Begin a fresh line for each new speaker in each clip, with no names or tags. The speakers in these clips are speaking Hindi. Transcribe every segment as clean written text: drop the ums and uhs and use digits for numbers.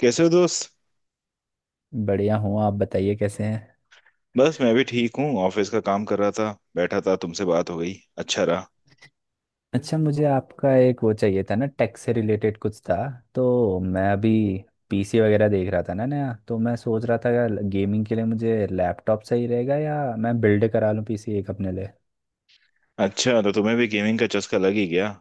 कैसे हो दोस्त।
बढ़िया हूँ। आप बताइए कैसे हैं।
बस मैं भी ठीक हूँ, ऑफिस का काम कर रहा था, बैठा था। तुमसे बात हो गई, अच्छा रहा।
अच्छा मुझे आपका एक वो चाहिए था ना, टैक्स से रिलेटेड कुछ था। तो मैं अभी पीसी वगैरह देख रहा था ना, नया। तो मैं सोच रहा था गेमिंग के लिए मुझे लैपटॉप सही रहेगा या मैं बिल्ड करा लूँ पीसी एक अपने लिए।
अच्छा, तो तुम्हें भी गेमिंग का चस्का लग ही गया।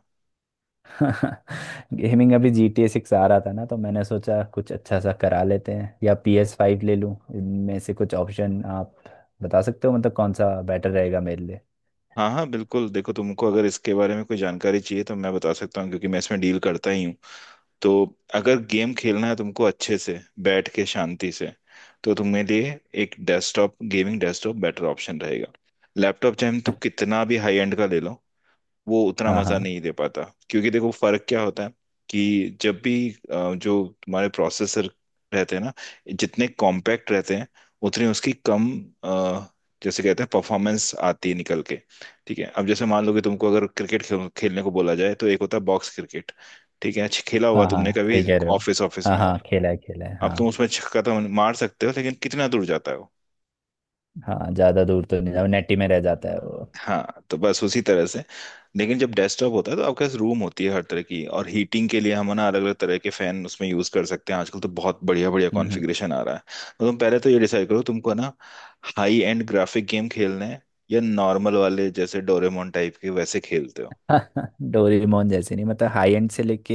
गेमिंग अभी GTA 6 आ रहा था ना, तो मैंने सोचा कुछ अच्छा सा करा लेते हैं या PS5 ले लूँ। इनमें से कुछ ऑप्शन आप बता सकते हो मतलब कौन सा बेटर रहेगा मेरे लिए।
हाँ हाँ बिल्कुल, देखो तुमको अगर इसके बारे में कोई जानकारी चाहिए तो मैं बता सकता हूँ, क्योंकि मैं इसमें डील करता ही हूँ। तो अगर गेम खेलना है तुमको अच्छे से बैठ के शांति से, तो तुम्हें लिए एक desktop, gaming desktop better option रहेगा। लैपटॉप चाहे तुम कितना भी हाई एंड का ले लो, वो उतना
हाँ
मजा
हाँ।
नहीं दे पाता। क्योंकि देखो फर्क क्या होता है कि जब भी जो तुम्हारे प्रोसेसर रहते हैं ना, जितने कॉम्पैक्ट रहते हैं उतनी उसकी कम अ, जैसे कहते हैं, परफॉर्मेंस आती है निकल के। ठीक है, अब जैसे मान लो कि तुमको अगर क्रिकेट खेलने को बोला जाए, तो एक होता है बॉक्स क्रिकेट, ठीक है। अच्छा खेला होगा
हाँ हाँ,
तुमने कभी
सही कह रहे हो।
ऑफिस ऑफिस
हाँ
में।
हाँ खेला है खेला है,
अब तुम
हाँ।
उसमें छक्का तो मार सकते हो, लेकिन कितना दूर जाता है वो।
हाँ, ज्यादा दूर तो नहीं जाओ, नेटी में रह जाता है वो।
हाँ, तो बस उसी तरह से। लेकिन जब डेस्कटॉप होता है तो आपके पास रूम होती है हर तरह की, और हीटिंग के लिए हम ना अलग अलग तरह के फैन उसमें यूज कर सकते हैं। आजकल तो बहुत बढ़िया बढ़िया
हम्म।
कॉन्फ़िगरेशन आ रहा है। तो तुम पहले तो ये डिसाइड करो तुमको ना हाई एंड ग्राफिक गेम खेलने हैं, या नॉर्मल वाले जैसे डोरेमोन टाइप के, वैसे खेलते हो।
डोरेमोन जैसे नहीं, मतलब हाई एंड से लेके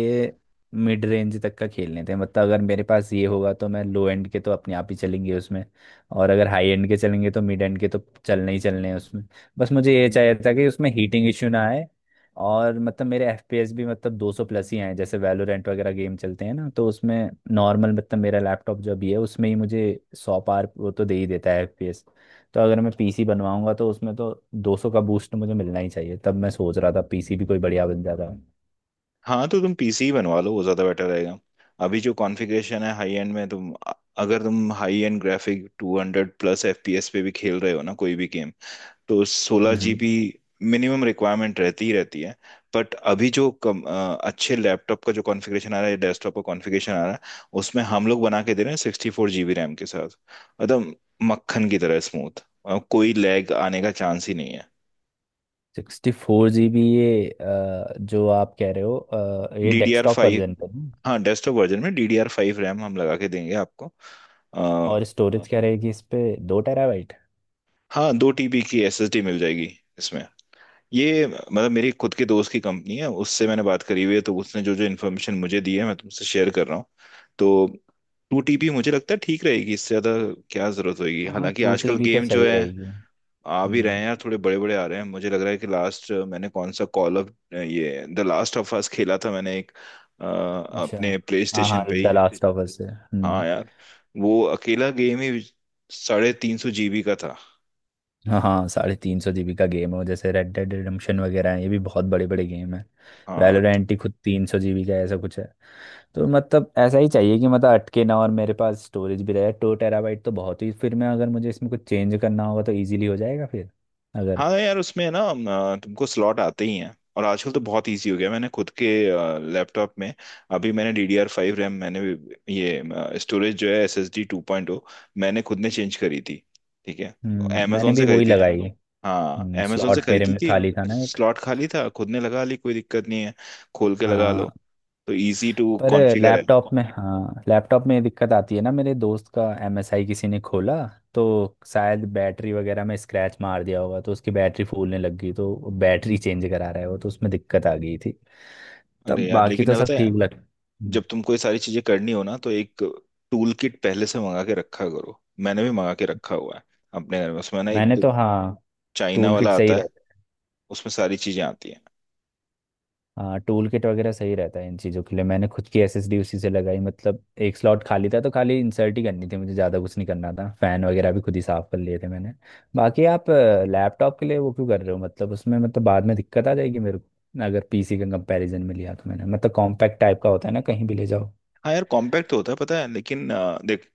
मिड रेंज तक का खेलने थे। मतलब अगर मेरे पास ये होगा तो मैं लो एंड के तो अपने आप ही चलेंगे उसमें। और अगर हाई एंड के चलेंगे तो मिड एंड के तो चलने ही चलने हैं उसमें। बस मुझे ये चाहिए था कि उसमें हीटिंग इश्यू ना आए, और मतलब मेरे एफपीएस भी मतलब 200 प्लस ही आए। जैसे वैलोरेंट वगैरह गेम चलते हैं ना, तो उसमें नॉर्मल मतलब मेरा लैपटॉप जो भी है उसमें ही मुझे 100 पार वो तो दे ही देता है एफपीएस। तो अगर मैं पीसी बनवाऊंगा तो उसमें तो 200 का बूस्ट मुझे मिलना ही चाहिए। तब मैं सोच रहा था पीसी भी कोई बढ़िया बन जाता।
हाँ तो तुम पीसी ही बनवा लो, वो ज्यादा बेटर रहेगा। अभी जो कॉन्फ़िगरेशन है हाई एंड में, तुम अगर तुम हाई एंड ग्राफिक 200+ FPS पे भी खेल रहे हो ना कोई भी गेम, तो सोलह
हम्म।
जीबी मिनिमम रिक्वायरमेंट रहती ही रहती है। बट अभी जो अच्छे लैपटॉप का जो कॉन्फ़िगरेशन आ रहा है, डेस्कटॉप का कॉन्फ़िगरेशन आ रहा है, उसमें हम लोग बना के दे रहे हैं 64 GB रैम के साथ, एकदम मक्खन की तरह स्मूथ, कोई लैग आने का चांस ही नहीं है।
64 GB ये जो आप कह रहे हो ये
D D R
desktop
five.
Version पे ना?
हाँ डेस्कटॉप वर्जन में DDR5 रैम हम लगा के देंगे आपको। अ,
और स्टोरेज क्या रहेगी इस पे, 2 टेराबाइट?
हाँ, 2 TB की एस एस डी मिल जाएगी इसमें। ये मतलब मेरी खुद के दोस्त की कंपनी है, उससे मैंने बात करी हुई है, तो उसने जो जो इन्फॉर्मेशन मुझे दी है मैं तुमसे शेयर कर रहा हूँ। तो टू टीपी मुझे लगता है ठीक रहेगी, इससे ज़्यादा क्या ज़रूरत होगी।
हाँ
हालांकि
टू
आजकल
टीबी तो
गेम जो
सही
है
रहेगी।
आ भी रहे हैं
हम्म।
यार, थोड़े बड़े बड़े आ रहे हैं। मुझे लग रहा है कि लास्ट मैंने कौन सा कॉल ऑफ, ये द लास्ट ऑफ अस खेला था मैंने एक,
अच्छा।
अपने प्ले
हाँ हाँ
स्टेशन पे
द
ही।
लास्ट ऑफ अस है, हम्म।
हाँ यार, वो अकेला गेम ही 350 GB का था।
हाँ हाँ 350 GB का गेम है। जैसे रेड डेड रिडम्पशन वगैरह है, ये भी बहुत बड़े बड़े गेम है।
हाँ।
वैलोरेंट ही खुद 300 GB का ऐसा कुछ है। तो मतलब ऐसा ही चाहिए कि मतलब अटके ना, और मेरे पास स्टोरेज भी रहे। 2 टेराबाइट तो बहुत ही, फिर मैं अगर मुझे इसमें कुछ चेंज करना होगा तो इजीली हो जाएगा फिर, अगर।
हाँ यार उसमें ना तुमको स्लॉट आते ही हैं, और आजकल तो बहुत इजी हो गया। मैंने खुद के लैपटॉप में अभी मैंने DDR5 रैम ये स्टोरेज जो है एस एस डी 2.0, मैंने खुद ने चेंज करी थी, ठीक है।
मैंने
अमेजोन से
भी वही
खरीदी थी।
लगाई।
हाँ, अमेजोन से
स्लॉट मेरे
खरीदी
में
थी।
खाली था ना एक।
स्लॉट खाली था, खुद ने लगा ली, कोई दिक्कत नहीं है, खोल के लगा लो।
हाँ।
तो इजी टू
पर
कॉन्फ़िगर है।
लैपटॉप में, हाँ लैपटॉप में ये दिक्कत आती है ना। मेरे दोस्त का एमएसआई किसी ने खोला तो शायद बैटरी वगैरह में स्क्रैच मार दिया होगा, तो उसकी बैटरी फूलने लग गई। तो बैटरी चेंज करा रहा है वो, तो उसमें दिक्कत आ गई थी।
अरे
तब
यार
बाकी तो
लेकिन पता
सब
है,
ठीक लग,
जब तुमको ये सारी चीजें करनी हो ना, तो एक टूल किट पहले से मंगा के रखा करो। मैंने भी मंगा के रखा हुआ है अपने घर में। उसमें ना एक
मैंने
तो
तो, हाँ,
चाइना
टूल किट
वाला
सही
आता है,
रहता है।
उसमें सारी चीजें आती हैं।
हाँ टूल किट वगैरह सही रहता है इन चीज़ों के लिए। मैंने खुद की एसएसडी उसी से लगाई। मतलब एक स्लॉट खाली था तो खाली इंसर्ट ही करनी थी मुझे, ज़्यादा कुछ नहीं करना था। फ़ैन वगैरह भी खुद ही साफ़ कर लिए थे मैंने। बाकी आप लैपटॉप के लिए वो क्यों कर रहे हो मतलब उसमें, मतलब बाद में दिक्कत आ जाएगी मेरे को अगर पीसी के कंपैरिजन में लिया तो। मैंने मतलब कॉम्पैक्ट टाइप का होता है ना, कहीं भी ले जाओ।
हाँ यार कॉम्पैक्ट तो होता है पता है, लेकिन देख,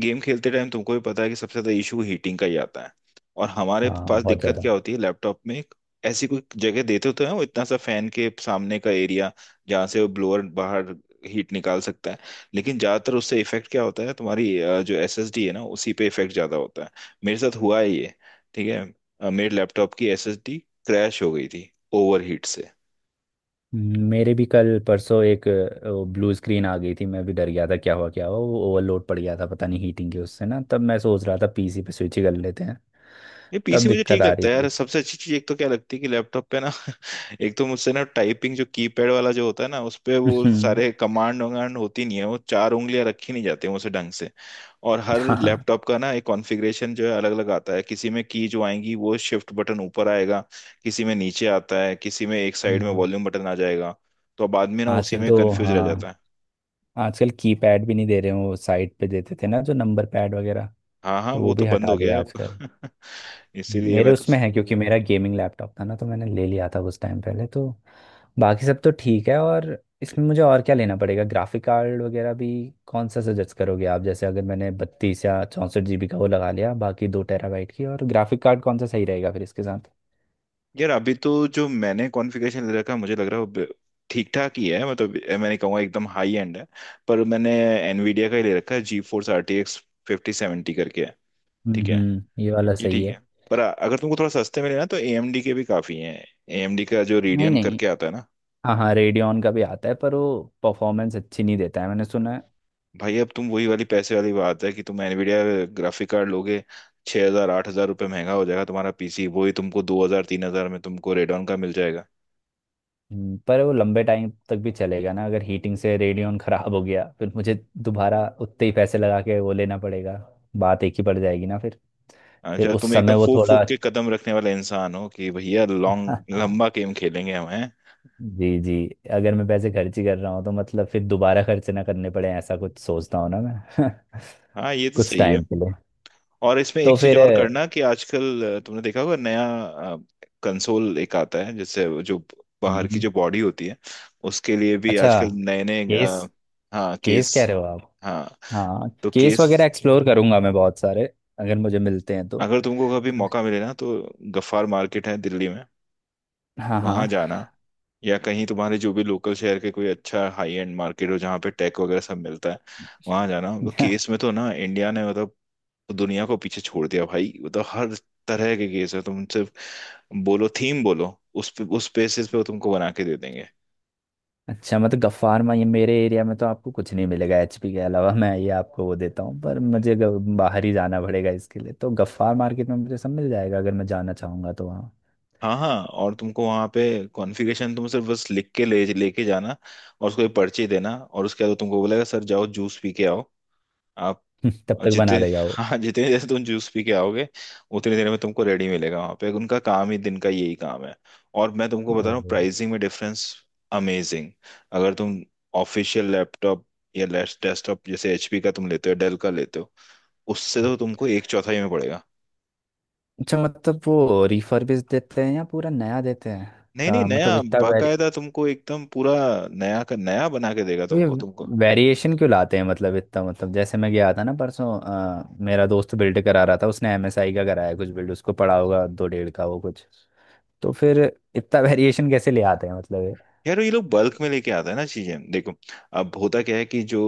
गेम खेलते टाइम तुमको भी पता है कि सबसे ज्यादा इशू हीटिंग का ही आता है। और हमारे
हाँ
पास
बहुत
दिक्कत
ज़्यादा।
क्या होती है लैपटॉप में, एक ऐसी कोई जगह देते तो है वो, इतना सा फैन के सामने का एरिया जहाँ से वो ब्लोअर बाहर हीट निकाल सकता है। लेकिन ज्यादातर उससे इफेक्ट क्या होता है, तुम्हारी जो एसएसडी है ना, उसी पे इफेक्ट ज्यादा होता है। मेरे साथ हुआ है ये, ठीक है। मेरे लैपटॉप की एसएसडी क्रैश हो गई थी ओवर हीट से।
मेरे भी कल परसों एक ब्लू स्क्रीन आ गई थी। मैं भी डर गया था क्या हुआ क्या हुआ। वो ओवरलोड पड़ गया था, पता नहीं हीटिंग के उससे ना। तब मैं सोच रहा था पीसी पे स्विच ही कर लेते हैं।
ये
तब
पीसी मुझे
दिक्कत
ठीक
आ
लगता
रही
है
थी।
यार। सबसे अच्छी चीज एक तो क्या लगती है कि लैपटॉप पे ना एक तो मुझसे ना टाइपिंग, जो कीपैड वाला जो होता है ना उस पे, वो
हम्म।
सारे कमांड वमांड होती नहीं है, वो चार उंगलियां रखी नहीं जाती मुझसे ढंग से। और हर
हाँ।
लैपटॉप का ना एक कॉन्फ़िगरेशन जो है अलग अलग आता है। किसी में की जो आएंगी वो शिफ्ट बटन ऊपर आएगा, किसी में नीचे आता है, किसी में एक साइड में
हम्म।
वॉल्यूम बटन आ जाएगा। तो अब आदमी ना उसी
आजकल
में
तो,
कंफ्यूज रह जाता
हाँ,
है।
आजकल कीपैड भी नहीं दे रहे हैं। वो साइड पे देते थे ना जो नंबर पैड वगैरह,
हाँ हाँ,
तो
वो
वो
तो
भी
बंद
हटा
हो गया
दिया आजकल।
अब इसीलिए
मेरे
मैं तो,
उसमें है क्योंकि मेरा गेमिंग लैपटॉप था ना, तो मैंने ले लिया था उस टाइम पहले तो। बाकी सब तो ठीक है, और इसमें मुझे और क्या लेना पड़ेगा? ग्राफिक कार्ड वगैरह भी कौन सा सजेस्ट करोगे आप? जैसे अगर मैंने 32 या 64 GB का वो लगा लिया, बाकी 2 टेराबाइट की, और ग्राफिक कार्ड कौन सा सही रहेगा फिर इसके साथ?
यार अभी तो जो मैंने कॉन्फ़िगरेशन ले रखा है, मुझे लग रहा है वो ठीक ठाक ही है। मतलब मैंने कहूँगा एकदम हाई एंड है। पर मैंने एनवीडिया का ही ले रखा है, GeForce R T x 5070 करके है, ठीक है।
हम्म, ये वाला
ये
सही
ठीक है।
है।
पर अगर तुमको थोड़ा सस्ते में लेना तो ए एम डी के भी काफ़ी हैं। ए एम डी का जो
नहीं
रेडियन
नहीं।
करके आता है ना।
हाँ हाँ रेडियन का भी आता है, पर वो परफॉर्मेंस अच्छी नहीं देता है, मैंने सुना है।
भाई अब तुम, वही वाली पैसे वाली बात है कि तुम एनवीडिया ग्राफिक कार्ड लोगे, ₹6,000-8,000 महंगा हो जाएगा तुम्हारा पीसी। वही तुमको 2,000-3,000 में तुमको रेडॉन का मिल जाएगा।
पर वो लंबे टाइम तक भी चलेगा ना? अगर हीटिंग से रेडियन ख़राब हो गया फिर मुझे दोबारा उतने ही पैसे लगा के वो लेना पड़ेगा। बात एक ही पड़ जाएगी ना फिर। फिर
अच्छा,
उस
तुम एकदम
समय वो
फूक फूक
थोड़ा।
के कदम रखने वाले इंसान हो कि भैया लॉन्ग, लंबा गेम खेलेंगे हम हैं।
जी जी। अगर मैं पैसे खर्च ही कर रहा हूँ तो मतलब फिर दोबारा खर्च ना करने पड़े, ऐसा कुछ सोचता हूँ ना मैं।
हाँ ये तो
कुछ
सही है।
टाइम के लिए।
और इसमें
तो
एक चीज
फिर।
और करना कि आजकल तुमने देखा होगा, नया कंसोल एक आता है जिससे वो जो बाहर की
हम्म,
जो बॉडी होती है, उसके लिए भी
अच्छा।
आजकल नए नए,
केस।
हाँ
केस
केस।
कह रहे हो आप?
हाँ
हाँ,
तो
केस
केस,
वगैरह एक्सप्लोर करूंगा मैं, बहुत सारे अगर मुझे मिलते हैं तो।
अगर तुमको कभी मौका मिले ना तो गफ्फार मार्केट है दिल्ली में,
हाँ हाँ।
वहां जाना। या कहीं तुम्हारे जो भी लोकल शहर के कोई अच्छा हाई एंड मार्केट हो जहाँ पे टेक वगैरह सब मिलता है, वहां जाना। तो केस में तो ना, इंडिया ने मतलब दुनिया को पीछे छोड़ दिया भाई। मतलब हर तरह के केस है, तुम सिर्फ बोलो थीम, बोलो उस पे, उस बेसिस पे वो तुमको बना के दे देंगे।
अच्छा, मतलब गफ्फार में, ये मेरे एरिया में तो आपको कुछ नहीं मिलेगा एचपी के अलावा। मैं ये आपको वो देता हूँ, पर मुझे बाहर ही जाना पड़ेगा इसके लिए। तो गफ्फार मार्केट में मुझे सब मिल जाएगा अगर मैं जाना चाहूँगा तो वहाँ।
हाँ हाँ, और तुमको वहाँ पे कॉन्फ़िगरेशन तुम सिर्फ बस लिख के ले लेके जाना, और उसको एक पर्ची देना। और उसके बाद वो तुमको बोलेगा, सर जाओ जूस पी के आओ। आप,
तब
और
तक
जितने,
बना देगा वो।
हाँ जितनी देर तुम जूस पी के आओगे, उतनी देर में तुमको रेडी मिलेगा वहां पे। उनका काम ही दिन का यही काम है। और मैं तुमको बता रहा हूँ
अरे,
प्राइसिंग में डिफरेंस अमेजिंग। अगर तुम ऑफिशियल लैपटॉप या डेस्कटॉप जैसे एचपी का तुम लेते हो, डेल का लेते हो, उससे तो तुमको एक चौथाई में पड़ेगा।
अच्छा मतलब वो रिफर्बिश देते हैं या पूरा नया देते हैं?
नहीं नहीं,
ता
नया,
मतलब इतना वेरी,
बाकायदा तुमको एकदम पूरा नया का नया बना के देगा
तो ये
तुमको, तुमको।
वेरिएशन क्यों लाते हैं मतलब इतना? मतलब जैसे मैं गया था ना परसों, मेरा दोस्त बिल्ड करा रहा था उसने एमएसआई का कराया कुछ बिल्ड। उसको पड़ा होगा दो डेढ़ का वो कुछ, तो फिर इतना वेरिएशन कैसे ले आते हैं मतलब ये?
यार ये लोग बल्क में लेके आता है ना चीजें, देखो। अब होता क्या है कि जो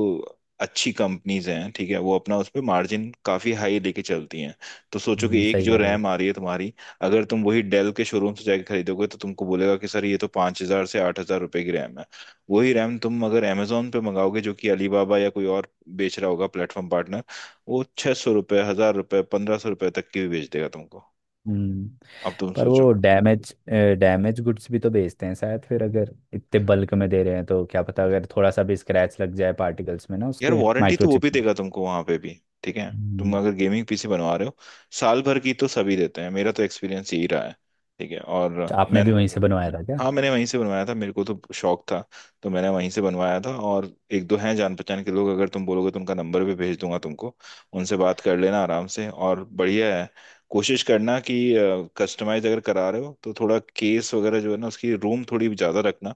अच्छी कंपनीज हैं, ठीक है, वो अपना उस पे मार्जिन काफी हाई लेके चलती हैं। तो सोचो कि एक
सही
जो
कह रहे हो।
रैम आ रही है तुम्हारी, अगर तुम वही डेल के शोरूम से जाके खरीदोगे, तो तुमको बोलेगा कि सर ये तो ₹5,000 से ₹8,000 की रैम है। वही रैम तुम अगर अमेजोन पे मंगाओगे, जो कि अलीबाबा या कोई और बेच रहा होगा, प्लेटफॉर्म पार्टनर, वो ₹600, ₹1,000, ₹1,500 तक की भी बेच देगा तुमको।
हम्म।
अब तुम
पर
सोचो।
वो डैमेज, डैमेज गुड्स भी तो बेचते हैं शायद। फिर अगर इतने बल्क में दे रहे हैं तो क्या पता, अगर थोड़ा सा भी स्क्रैच लग जाए पार्टिकल्स में ना,
यार
उसके
वारंटी तो वो
माइक्रोचिप।
भी देगा तुमको वहां पे भी, ठीक है। तुम अगर गेमिंग पीसी बनवा रहे हो, साल भर की तो सभी देते हैं, मेरा तो एक्सपीरियंस यही रहा है, ठीक है। और
तो आपने
मैंने,
भी वहीं से बनवाया था क्या?
हाँ मैंने वहीं से बनवाया था, मेरे को तो शौक था तो मैंने वहीं से बनवाया था। और एक दो हैं जान पहचान के लोग, अगर तुम बोलोगे तो उनका नंबर भी भेज दूंगा तुमको, उनसे बात कर लेना आराम से, और बढ़िया है। कोशिश करना कि कस्टमाइज अगर करा रहे हो तो थोड़ा केस वगैरह जो है ना, उसकी रूम थोड़ी ज़्यादा रखना।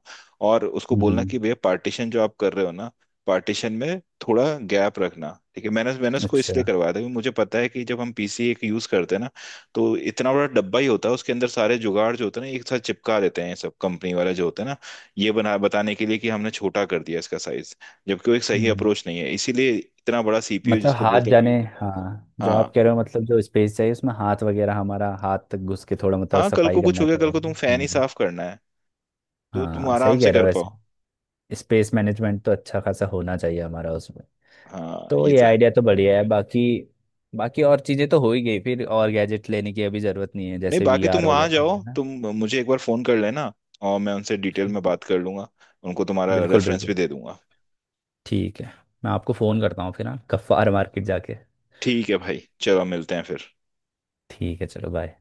और उसको
हम्म
बोलना
हम्म,
कि भैया पार्टीशन जो आप कर रहे हो ना, पार्टीशन में थोड़ा गैप रखना, ठीक है। मैंने मैंने उसको
अच्छा।
इसलिए करवाया था क्योंकि मुझे पता है कि जब हम पीसी एक यूज़ करते हैं ना, तो इतना बड़ा डब्बा ही होता है, उसके अंदर सारे जुगाड़ जो होते हैं ना एक साथ चिपका देते हैं सब, कंपनी वाला जो होता है ना, ये बना बताने के लिए कि हमने छोटा कर दिया इसका साइज। जबकि वो एक सही
हम्म,
अप्रोच नहीं है, इसीलिए इतना बड़ा सीपीयू
मतलब
जिसको
हाथ
बोलते हैं
जाने।
बना।
हाँ जो आप
हाँ
कह रहे हो मतलब जो स्पेस चाहिए, उसमें हाथ वगैरह, हमारा हाथ तक घुस के थोड़ा मतलब
हाँ, कल
सफाई
को कुछ
करना
हो गया, कल
चाहिए।
को तुम फैन ही
हम्म।
साफ करना है तो तुम
हाँ
आराम
सही
से
कह रहे
कर
हो
पाओ।
वैसे। स्पेस मैनेजमेंट तो अच्छा खासा होना चाहिए हमारा उसमें।
हाँ
तो
ये
ये
तो है।
आइडिया तो बढ़िया है। बाकी, बाकी और चीज़ें तो हो ही गई फिर। और गैजेट लेने की अभी ज़रूरत नहीं है,
नहीं
जैसे
बाकी तुम
वीआर
वहां
वगैरह हो
जाओ,
गया ना।
तुम मुझे एक बार फोन कर लेना, और मैं उनसे डिटेल में
हम्म।
बात कर लूंगा, उनको तुम्हारा
बिल्कुल
रेफरेंस भी
बिल्कुल।
दे दूंगा।
ठीक है। मैं आपको फ़ोन करता हूँ फिर, हाँ, गफ्फार मार्केट जाके।
ठीक है भाई, चलो मिलते हैं फिर।
ठीक है, चलो बाय।